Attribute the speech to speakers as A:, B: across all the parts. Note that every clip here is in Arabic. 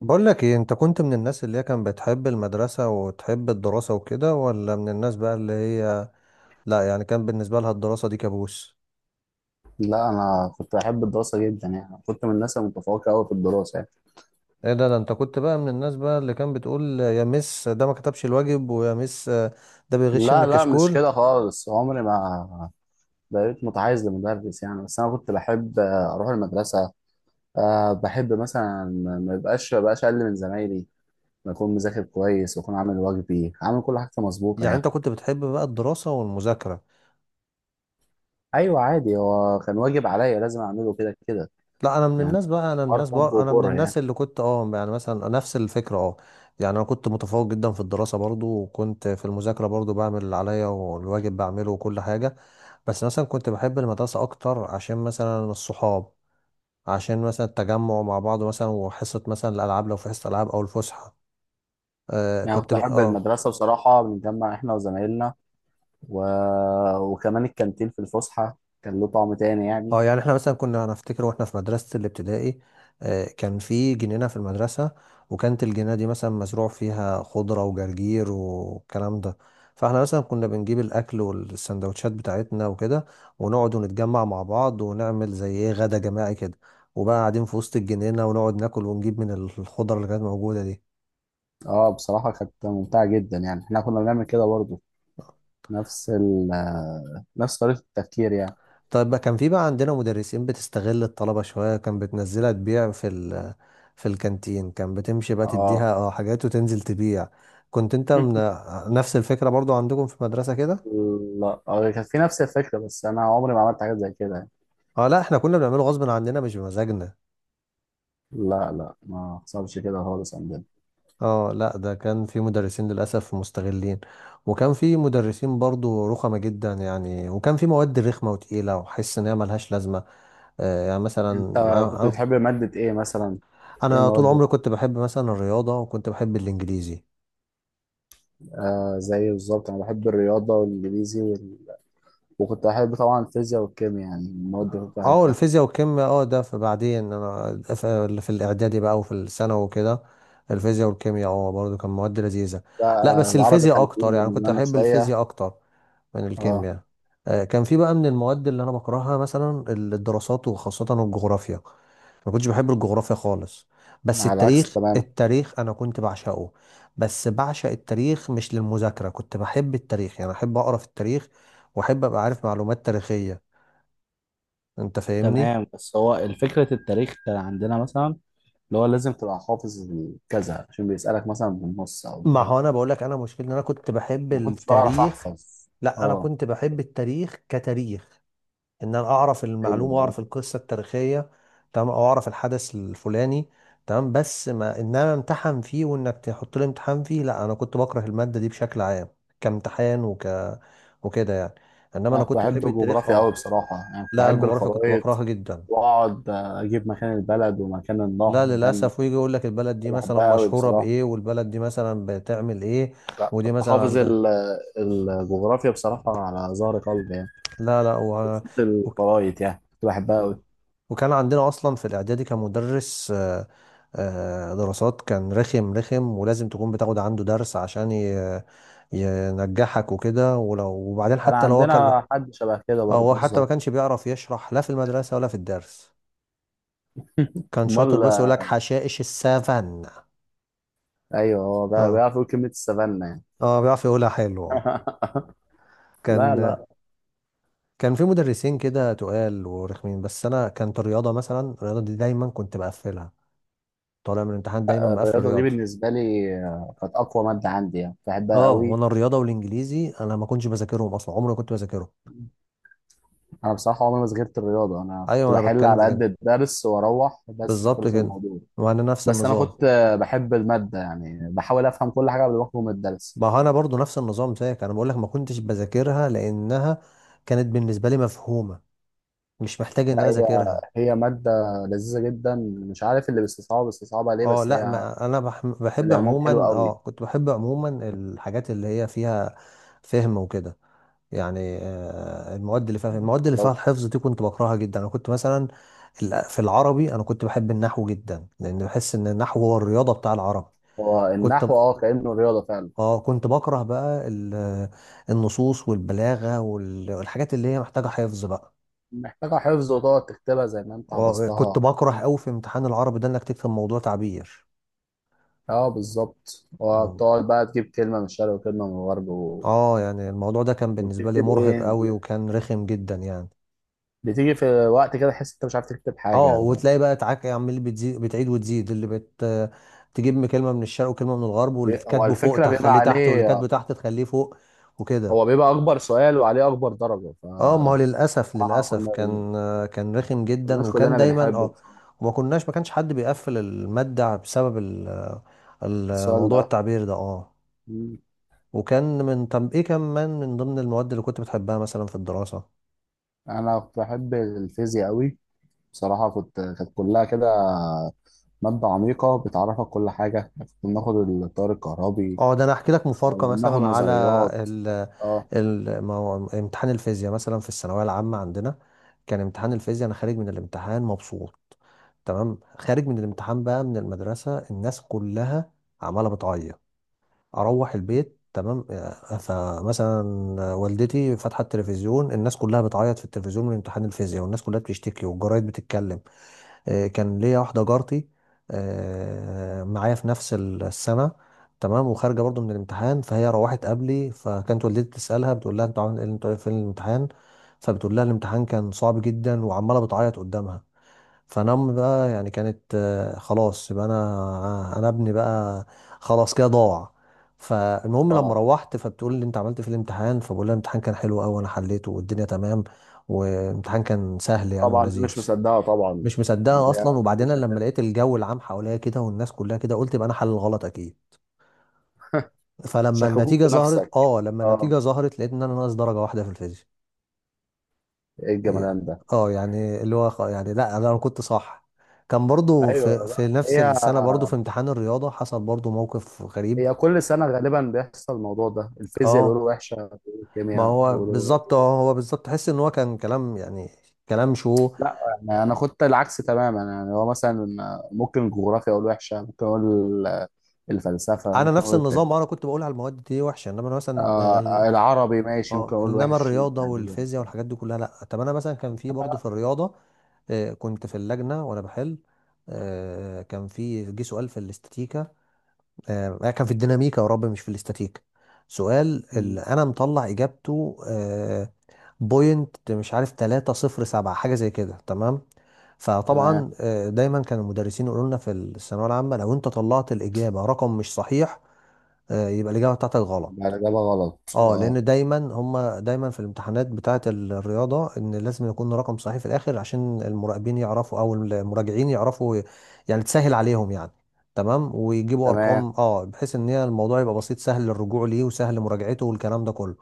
A: بقول لك ايه، انت كنت من الناس اللي هي كان بتحب المدرسة وتحب الدراسة وكده، ولا من الناس بقى اللي هي لا، يعني كان بالنسبة لها الدراسة دي كابوس؟
B: لا، انا كنت بحب الدراسه جدا، يعني كنت من الناس المتفوقه قوي في الدراسه يعني.
A: ايه ده؟ انت كنت بقى من الناس بقى اللي كان بتقول يا مس ده ما كتبش الواجب، ويا مس ده بيغش من
B: لا، لا، مش
A: الكشكول؟
B: كده خالص، عمري ما بقيت متحيز لمدرس يعني. بس انا كنت بحب اروح المدرسه. بحب مثلا ما بقاش اقل من زمايلي، بكون مذاكر كويس واكون عامل واجبي، عامل كل حاجه مظبوطه
A: يعني
B: يعني.
A: انت كنت بتحب بقى الدراسة والمذاكرة.
B: ايوه عادي، هو كان واجب عليا لازم اعمله كده كده
A: لا، انا من
B: يعني.
A: الناس بقى انا من
B: حوار
A: الناس
B: حب
A: بقى انا من
B: وكره يعني.
A: الناس اللي كنت يعني مثلا نفس الفكرة. اه يعني انا كنت متفوق جدا في الدراسة برضو، وكنت في المذاكرة برضو بعمل اللي عليا والواجب بعمله وكل حاجة. بس مثلا كنت بحب المدرسة أكتر عشان مثلا الصحاب، عشان مثلا التجمع مع بعض مثلا، وحصة مثلا الألعاب، لو في حصة ألعاب أو الفسحة. آه
B: يعني
A: كنت
B: كنت
A: ب...
B: احب
A: اه
B: المدرسه بصراحه، بنتجمع احنا وزمايلنا و... وكمان الكانتين في الفسحة كان له طعم تاني يعني.
A: اه يعني احنا مثلا كنا، انا افتكر واحنا في مدرسة الابتدائي، كان في جنينة في المدرسة. وكانت الجنينة دي مثلا مزروع فيها خضرة وجرجير والكلام ده. فاحنا مثلا كنا بنجيب الاكل والسندوتشات بتاعتنا وكده، ونقعد ونتجمع مع بعض ونعمل زي ايه، غدا جماعي كده. وبقى قاعدين في وسط الجنينة، ونقعد ناكل ونجيب من الخضرة اللي كانت موجودة دي.
B: اه، بصراحة كانت ممتعة جدا، يعني احنا كنا بنعمل كده برضه، نفس ال آه، نفس طريقة التفكير يعني.
A: طيب، ما كان في بقى عندنا مدرسين بتستغل الطلبة شوية، كان بتنزلها تبيع في ال في الكانتين. كان بتمشي بقى
B: اه
A: تديها حاجات وتنزل تبيع. كنت انت من نفس الفكرة برضو عندكم في المدرسة كده؟
B: لا، كانت في نفس الفكرة، بس انا عمري ما عملت حاجات زي كده يعني.
A: اه لا، احنا كنا بنعمله غصب عننا مش بمزاجنا.
B: لا، لا، ما حصلش كده خالص عندنا.
A: اه لا، ده كان في مدرسين للأسف مستغلين. وكان في مدرسين برضو رخمة جدا يعني، وكان في مواد رخمة وتقيلة وحس ان هي ملهاش لازمة. يعني مثلا
B: انت كنت
A: انا أنا-
B: بتحب مادة ايه مثلا؟ ايه
A: أنا طول
B: المواد؟
A: عمري كنت بحب مثلا الرياضة، وكنت بحب الانجليزي.
B: زي بالظبط، انا بحب الرياضة والانجليزي وكنت بحب طبعا الفيزياء والكيمياء، يعني المواد اللي كنت
A: اه
B: بحبها.
A: الفيزياء والكيمياء، ده في بعدين انا في الاعدادي بقى وفي الثانوي وكده. الفيزياء والكيمياء برضه كان مواد لذيذه. لا
B: لا،
A: بس
B: العربي
A: الفيزياء
B: كان تقيل
A: اكتر، يعني كنت
B: بالنسبة لنا
A: احب
B: شوية.
A: الفيزياء اكتر من
B: اه،
A: الكيمياء. كان في بقى من المواد اللي انا بكرهها مثلا الدراسات، وخاصه الجغرافيا. ما كنتش بحب الجغرافيا خالص. بس
B: على العكس
A: التاريخ،
B: تماما.
A: انا كنت بعشقه. بس بعشق التاريخ مش للمذاكره، كنت بحب التاريخ يعني احب اقرا في التاريخ، واحب ابقى عارف معلومات تاريخيه. انت فاهمني.
B: تمام، بس هو الفكرة التاريخ كان عندنا مثلا اللي هو لازم تبقى حافظ كذا عشان بيسألك مثلا بالنص أو
A: ما
B: بكذا.
A: هو انا بقول لك، انا مشكلتي ان انا كنت بحب
B: ما كنتش بعرف
A: التاريخ.
B: أحفظ.
A: لا، انا
B: اه،
A: كنت بحب التاريخ كتاريخ، ان انا اعرف
B: أيوه،
A: المعلومه
B: أيوه.
A: واعرف القصه التاريخيه. تمام، او اعرف الحدث الفلاني. تمام، بس ما ان انا امتحن فيه، وانك تحط لي امتحان فيه، لا انا كنت بكره الماده دي بشكل عام كامتحان وكده يعني. انما
B: أنا
A: انا
B: كنت
A: كنت
B: بحب
A: بحب التاريخ.
B: الجغرافيا
A: اه
B: أوي بصراحة، يعني كنت
A: لا،
B: بحب
A: الجغرافيا كنت
B: الخرايط
A: بكرهها جدا.
B: وأقعد أجيب مكان البلد ومكان النهر
A: لا
B: مكان.
A: للاسف، ويجي يقول لك البلد دي
B: كنت
A: مثلا
B: بحبها أوي
A: مشهوره
B: بصراحة.
A: بايه، والبلد دي مثلا بتعمل ايه،
B: لا،
A: ودي
B: كنت
A: مثلا
B: حافظ
A: عندها.
B: الجغرافيا بصراحة على ظهر قلبي يعني،
A: لا لا و...
B: بالذات
A: وك...
B: الخرايط، يعني كنت بحبها أوي.
A: وكان عندنا اصلا في الاعدادي، كان مدرس دراسات كان رخم، ولازم تكون بتاخد عنده درس عشان ينجحك وكده. ولو، وبعدين
B: كان
A: حتى لو هو كان،
B: عندنا حد شبه كده
A: اه
B: برضه
A: هو حتى ما
B: بالظبط.
A: كانش بيعرف يشرح لا في المدرسة ولا في الدرس. كان شاطر
B: امال.
A: بس يقول لك حشائش السفن.
B: ايوه، هو
A: اه
B: بيعرف يقول كلمه السفانه يعني.
A: اه بيعرف يقولها حلو آه.
B: لا،
A: كان
B: لا.
A: كان في مدرسين كده تقال ورخمين. بس انا كانت الرياضة، مثلا الرياضة دي دايما كنت بقفلها. طالع من الامتحان دايما مقفل
B: الرياضه دي
A: رياضة.
B: بالنسبه لي كانت اقوى ماده عندي، يعني بحبها
A: اه،
B: قوي.
A: وانا الرياضه والانجليزي انا ما كنتش بذاكرهم اصلا، عمري ما كنت بذاكرهم.
B: انا بصراحه عمري ما صغرت الرياضه، انا كنت
A: ايوه انا
B: بحل
A: بتكلم
B: على
A: في
B: قد
A: كده،
B: الدرس واروح، بس
A: بالظبط
B: خلص
A: كده.
B: الموضوع.
A: وانا نفس
B: بس انا
A: النظام.
B: كنت بحب الماده، يعني بحاول افهم كل حاجه قبل ما اخرج من الدرس.
A: ما هو انا برضو نفس النظام زيك. انا بقول لك ما كنتش بذاكرها لانها كانت بالنسبه لي مفهومه، مش محتاج ان
B: لا،
A: انا
B: هي
A: اذاكرها.
B: هي ماده لذيذه جدا، مش عارف اللي بيستصعبها بيستصعبها ليه،
A: اه
B: بس
A: لا،
B: هي
A: ما انا بح- بحب
B: العموم حلو
A: عموما،
B: قوي.
A: كنت بحب عموما الحاجات اللي هي فيها فهم وكده يعني. المواد اللي فيها
B: لو-
A: الحفظ دي كنت بكرهها جدا. انا كنت مثلا في العربي انا كنت بحب النحو جدا، لان بحس ان النحو هو الرياضه بتاع العرب.
B: هو
A: كنت ب...
B: النحو كانه رياضه فعلا،
A: اه كنت بكره بقى النصوص والبلاغه والحاجات اللي هي محتاجه حفظ بقى.
B: محتاجة حفظ وتقعد تكتبها زي ما انت
A: كنت
B: حفظتها.
A: بكره قوي في امتحان العربي ده انك تكتب موضوع تعبير.
B: اه، بالظبط،
A: مم.
B: وتقعد بقى تجيب كلمة من الشرق وكلمة من الغرب
A: اه يعني الموضوع ده كان بالنسبه لي
B: وبتكتب
A: مرهق
B: ايه؟
A: قوي، وكان رخم جدا يعني.
B: بتيجي في وقت كده تحس انت مش عارف تكتب
A: اه
B: حاجة.
A: وتلاقي بقى تعاك عمال بتزيد، بتعيد وتزيد، اللي بت تجيب كلمه من الشرق وكلمه من الغرب، واللي
B: هو
A: كاتبه فوق
B: الفكرة بيبقى
A: تخليه تحت، واللي
B: عليه،
A: كاتبه تحت تخليه فوق وكده.
B: هو بيبقى أكبر سؤال وعليه أكبر درجة،
A: اه ما هو
B: فبصراحة
A: للاسف،
B: كنا
A: كان، كان رخم جدا،
B: الناس
A: وكان
B: كلنا
A: دايما
B: بنحبه
A: اه.
B: بصراحة.
A: وما كناش، ما كانش حد بيقفل الماده بسبب
B: السؤال
A: الموضوع
B: ده.
A: التعبير ده اه.
B: مم.
A: وكان من، طب ايه كمان من ضمن المواد اللي كنت بتحبها مثلا في الدراسه؟
B: أنا كنت بحب الفيزياء أوي بصراحة، كانت كلها كده مادة عميقة بتعرفك كل حاجة، كنا بناخد التيار الكهربي،
A: اه ده انا احكي لك مفارقه
B: ناخد
A: مثلا على
B: نظريات.
A: ال
B: اه،
A: ال ما هو امتحان الفيزياء مثلا في الثانويه العامه عندنا، كان امتحان الفيزياء انا خارج من الامتحان مبسوط. تمام، خارج من الامتحان بقى من المدرسه الناس كلها عماله بتعيط. اروح البيت تمام، فمثلا والدتي فاتحه التلفزيون، الناس كلها بتعيط في التلفزيون من امتحان الفيزياء، والناس كلها بتشتكي والجرايد بتتكلم. كان ليا واحدة جارتي معايا في نفس السنة. تمام، وخارجة برضو من الامتحان، فهي روحت قبلي. فكانت والدتي تسألها، بتقول لها انتوا عامل ايه انتوا في الامتحان؟ فبتقول لها الامتحان كان صعب جدا، وعمالة بتعيط قدامها. فانا امي بقى يعني كانت خلاص يبقى انا، انا ابني بقى خلاص كده ضاع. فالمهم لما
B: اه،
A: روحت، فبتقول لي انت عملت إيه في الامتحان؟ فبقول لها الامتحان كان حلو قوي، انا حليته والدنيا تمام، والامتحان كان سهل يعني
B: طبعا
A: ولذيذ.
B: مش مصدقه طبعا.
A: مش مصدقها اصلا.
B: يعني
A: وبعدين أنا لما لقيت الجو العام حواليا كده، والناس كلها كده، قلت يبقى انا حل الغلط اكيد. فلما
B: شككوك
A: النتيجه
B: في نفسك.
A: ظهرت،
B: اه،
A: لقيت ان انا ناقص درجه واحده في الفيزياء.
B: ايه
A: إيه.
B: الجمدان ده؟
A: اه يعني اللي هو يعني لا، انا كنت صح. كان برضو
B: ايوه،
A: في
B: لا،
A: في نفس
B: هي
A: السنه برضو في امتحان الرياضه حصل برضو موقف غريب.
B: هي كل سنه غالبا بيحصل الموضوع ده، الفيزياء
A: اه
B: بيقولوا وحشه، بيقولوا
A: ما
B: الكيمياء
A: هو
B: بيقولوا.
A: بالظبط، تحس ان هو كان كلام يعني، كلام شو
B: لا، يعني انا خدت العكس تماما، يعني هو مثلا ممكن الجغرافيا اقول وحشه، ممكن اقول الفلسفه،
A: انا
B: ممكن
A: نفس
B: اقول التاريخ.
A: النظام، انا كنت بقول على المواد دي وحشه. انما أنا مثلا،
B: العربي ماشي ممكن
A: اه
B: اقول
A: انما
B: وحش
A: الرياضه
B: يعني.
A: والفيزياء والحاجات دي كلها لا. طب انا مثلا كان في برضه في الرياضه، كنت في اللجنه وانا بحل. آه، كان في جه سؤال في الاستاتيكا آه، كان في الديناميكا، يا رب مش في الاستاتيكا، سؤال اللي
B: مم.
A: انا مطلع اجابته بوينت مش عارف 307 حاجه زي كده تمام.
B: تمام.
A: فطبعا دايما كان المدرسين يقولوا لنا في الثانويه العامه لو انت طلعت الاجابه رقم مش صحيح، يبقى الاجابه بتاعتك غلط.
B: ده الاجابه غلط
A: اه
B: اه.
A: لان دايما هم، دايما في الامتحانات بتاعه الرياضه ان لازم يكون رقم صحيح في الاخر عشان المراقبين يعرفوا، او المراجعين يعرفوا يعني تسهل عليهم يعني. تمام، ويجيبوا
B: تمام.
A: ارقام اه، بحيث ان هي الموضوع يبقى بسيط سهل للرجوع ليه وسهل لمراجعته والكلام ده كله.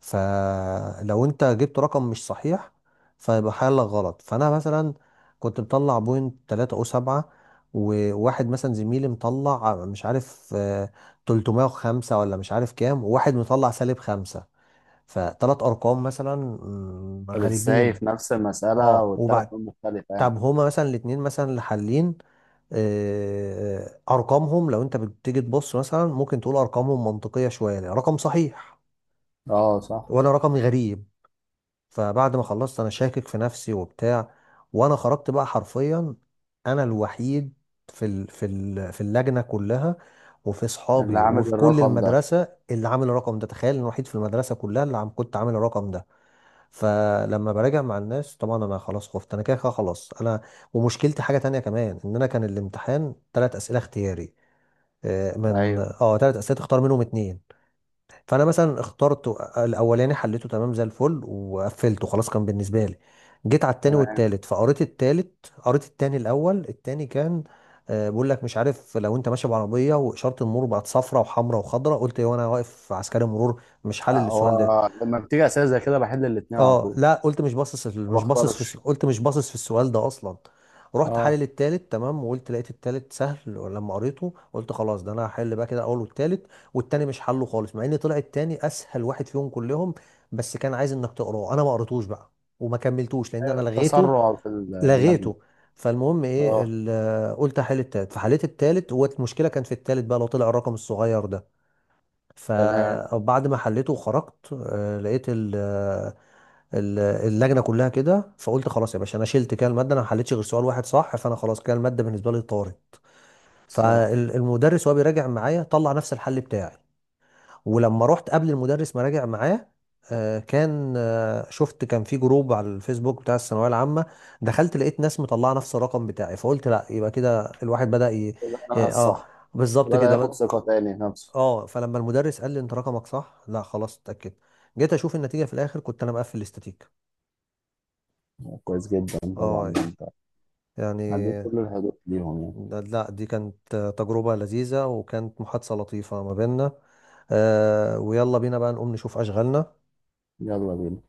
A: فلو انت جبت رقم مش صحيح فيبقى حالك غلط. فانا مثلا كنت مطلع بوينت 3 او 7، وواحد مثلا زميلي مطلع مش عارف 305 ولا مش عارف كام، وواحد مطلع سالب خمسة. فتلات ارقام مثلا
B: طب ازاي
A: غريبين.
B: في نفس المسألة
A: اه
B: والثلاث
A: وبعد،
B: نقط مختلفة يعني؟
A: طب هما مثلا الاتنين مثلا اللي حالين آه، ارقامهم لو انت بتيجي تبص مثلا ممكن تقول ارقامهم منطقية شوية، رقم صحيح،
B: اه، صح.
A: وانا رقمي غريب. فبعد ما خلصت انا شاكك في نفسي وبتاع. وانا خرجت بقى حرفيا انا الوحيد في ال في ال في اللجنه كلها، وفي
B: اللي
A: اصحابي
B: عامل
A: وفي كل
B: الرقم ده.
A: المدرسه اللي عامل الرقم ده. تخيل إن الوحيد في المدرسه كلها اللي كنت عامل الرقم ده. فلما براجع مع الناس طبعا انا خلاص خفت، انا كده كده خلاص انا. ومشكلتي حاجه تانية كمان، ان انا كان الامتحان ثلاث اسئله اختياري، آه، من
B: ايوه،
A: اه ثلاث اسئله تختار منهم اتنين. فانا مثلا اخترت الاولاني، حليته تمام زي الفل وقفلته خلاص، كان بالنسبه لي. جيت على التاني
B: تمام.
A: والتالت، فقريت التالت، قريت التاني الاول التاني كان بيقول لك مش عارف لو انت ماشي بعربيه، واشاره المرور بقت صفراء وحمراء وخضراء، قلت ايه وانا واقف عسكري مرور، مش حل السؤال ده.
B: هو لما بتيجي اسئلة زي كده بحل الاتنين على
A: اه
B: طول.
A: لا، قلت مش باصص في-
B: ما
A: مش باصص في الس-
B: بختارش.
A: قلت مش باصص في السؤال ده اصلا. رحت
B: اه،
A: حلل التالت تمام، وقلت لقيت التالت سهل، ولما قريته قلت خلاص ده انا هحل بقى كده الاول والتالت، والتاني مش حله خالص. مع ان طلع التاني اسهل واحد فيهم كلهم، بس كان عايز انك تقراه، انا ما قريتوش بقى وما كملتوش لان انا
B: أيوة، التسرع في اللجنة.
A: لغيته. فالمهم ايه
B: اه،
A: قلت هحل التالت، فحليت التالت. والمشكله كان في التالت بقى، لو طلع الرقم الصغير ده.
B: تمام،
A: فبعد ما حليته وخرجت آه، لقيت ال- آه، ال- اللجنه كلها كده، فقلت خلاص يا باشا انا شلت كده الماده، انا ما حليتش غير سؤال واحد صح، فانا خلاص كده الماده بالنسبه لي طارت.
B: صح،
A: فالمدرس وهو بيراجع معايا طلع نفس الحل بتاعي. ولما رحت قبل المدرس ما راجع معاه، آه، كان آه، شفت كان في جروب على الفيسبوك بتاع الثانويه العامه. دخلت لقيت ناس مطلعه نفس الرقم بتاعي، فقلت لا، يبقى كده الواحد بدأ
B: كده انا
A: اه
B: الصح.
A: بالظبط
B: بدأ ياخد
A: كده.
B: ثقة تاني في نفسه.
A: اه فلما المدرس قال لي انت رقمك صح، لا خلاص اتاكد. جيت اشوف النتيجه في الاخر كنت انا مقفل الاستاتيك.
B: كويس جدا، طبعا
A: اه
B: انت
A: يعني،
B: عديت كل الحدود ليهم يعني.
A: لا دي كانت تجربه لذيذه، وكانت محادثه لطيفه ما بيننا. آه، ويلا بينا بقى نقوم نشوف اشغالنا.
B: يلا بينا.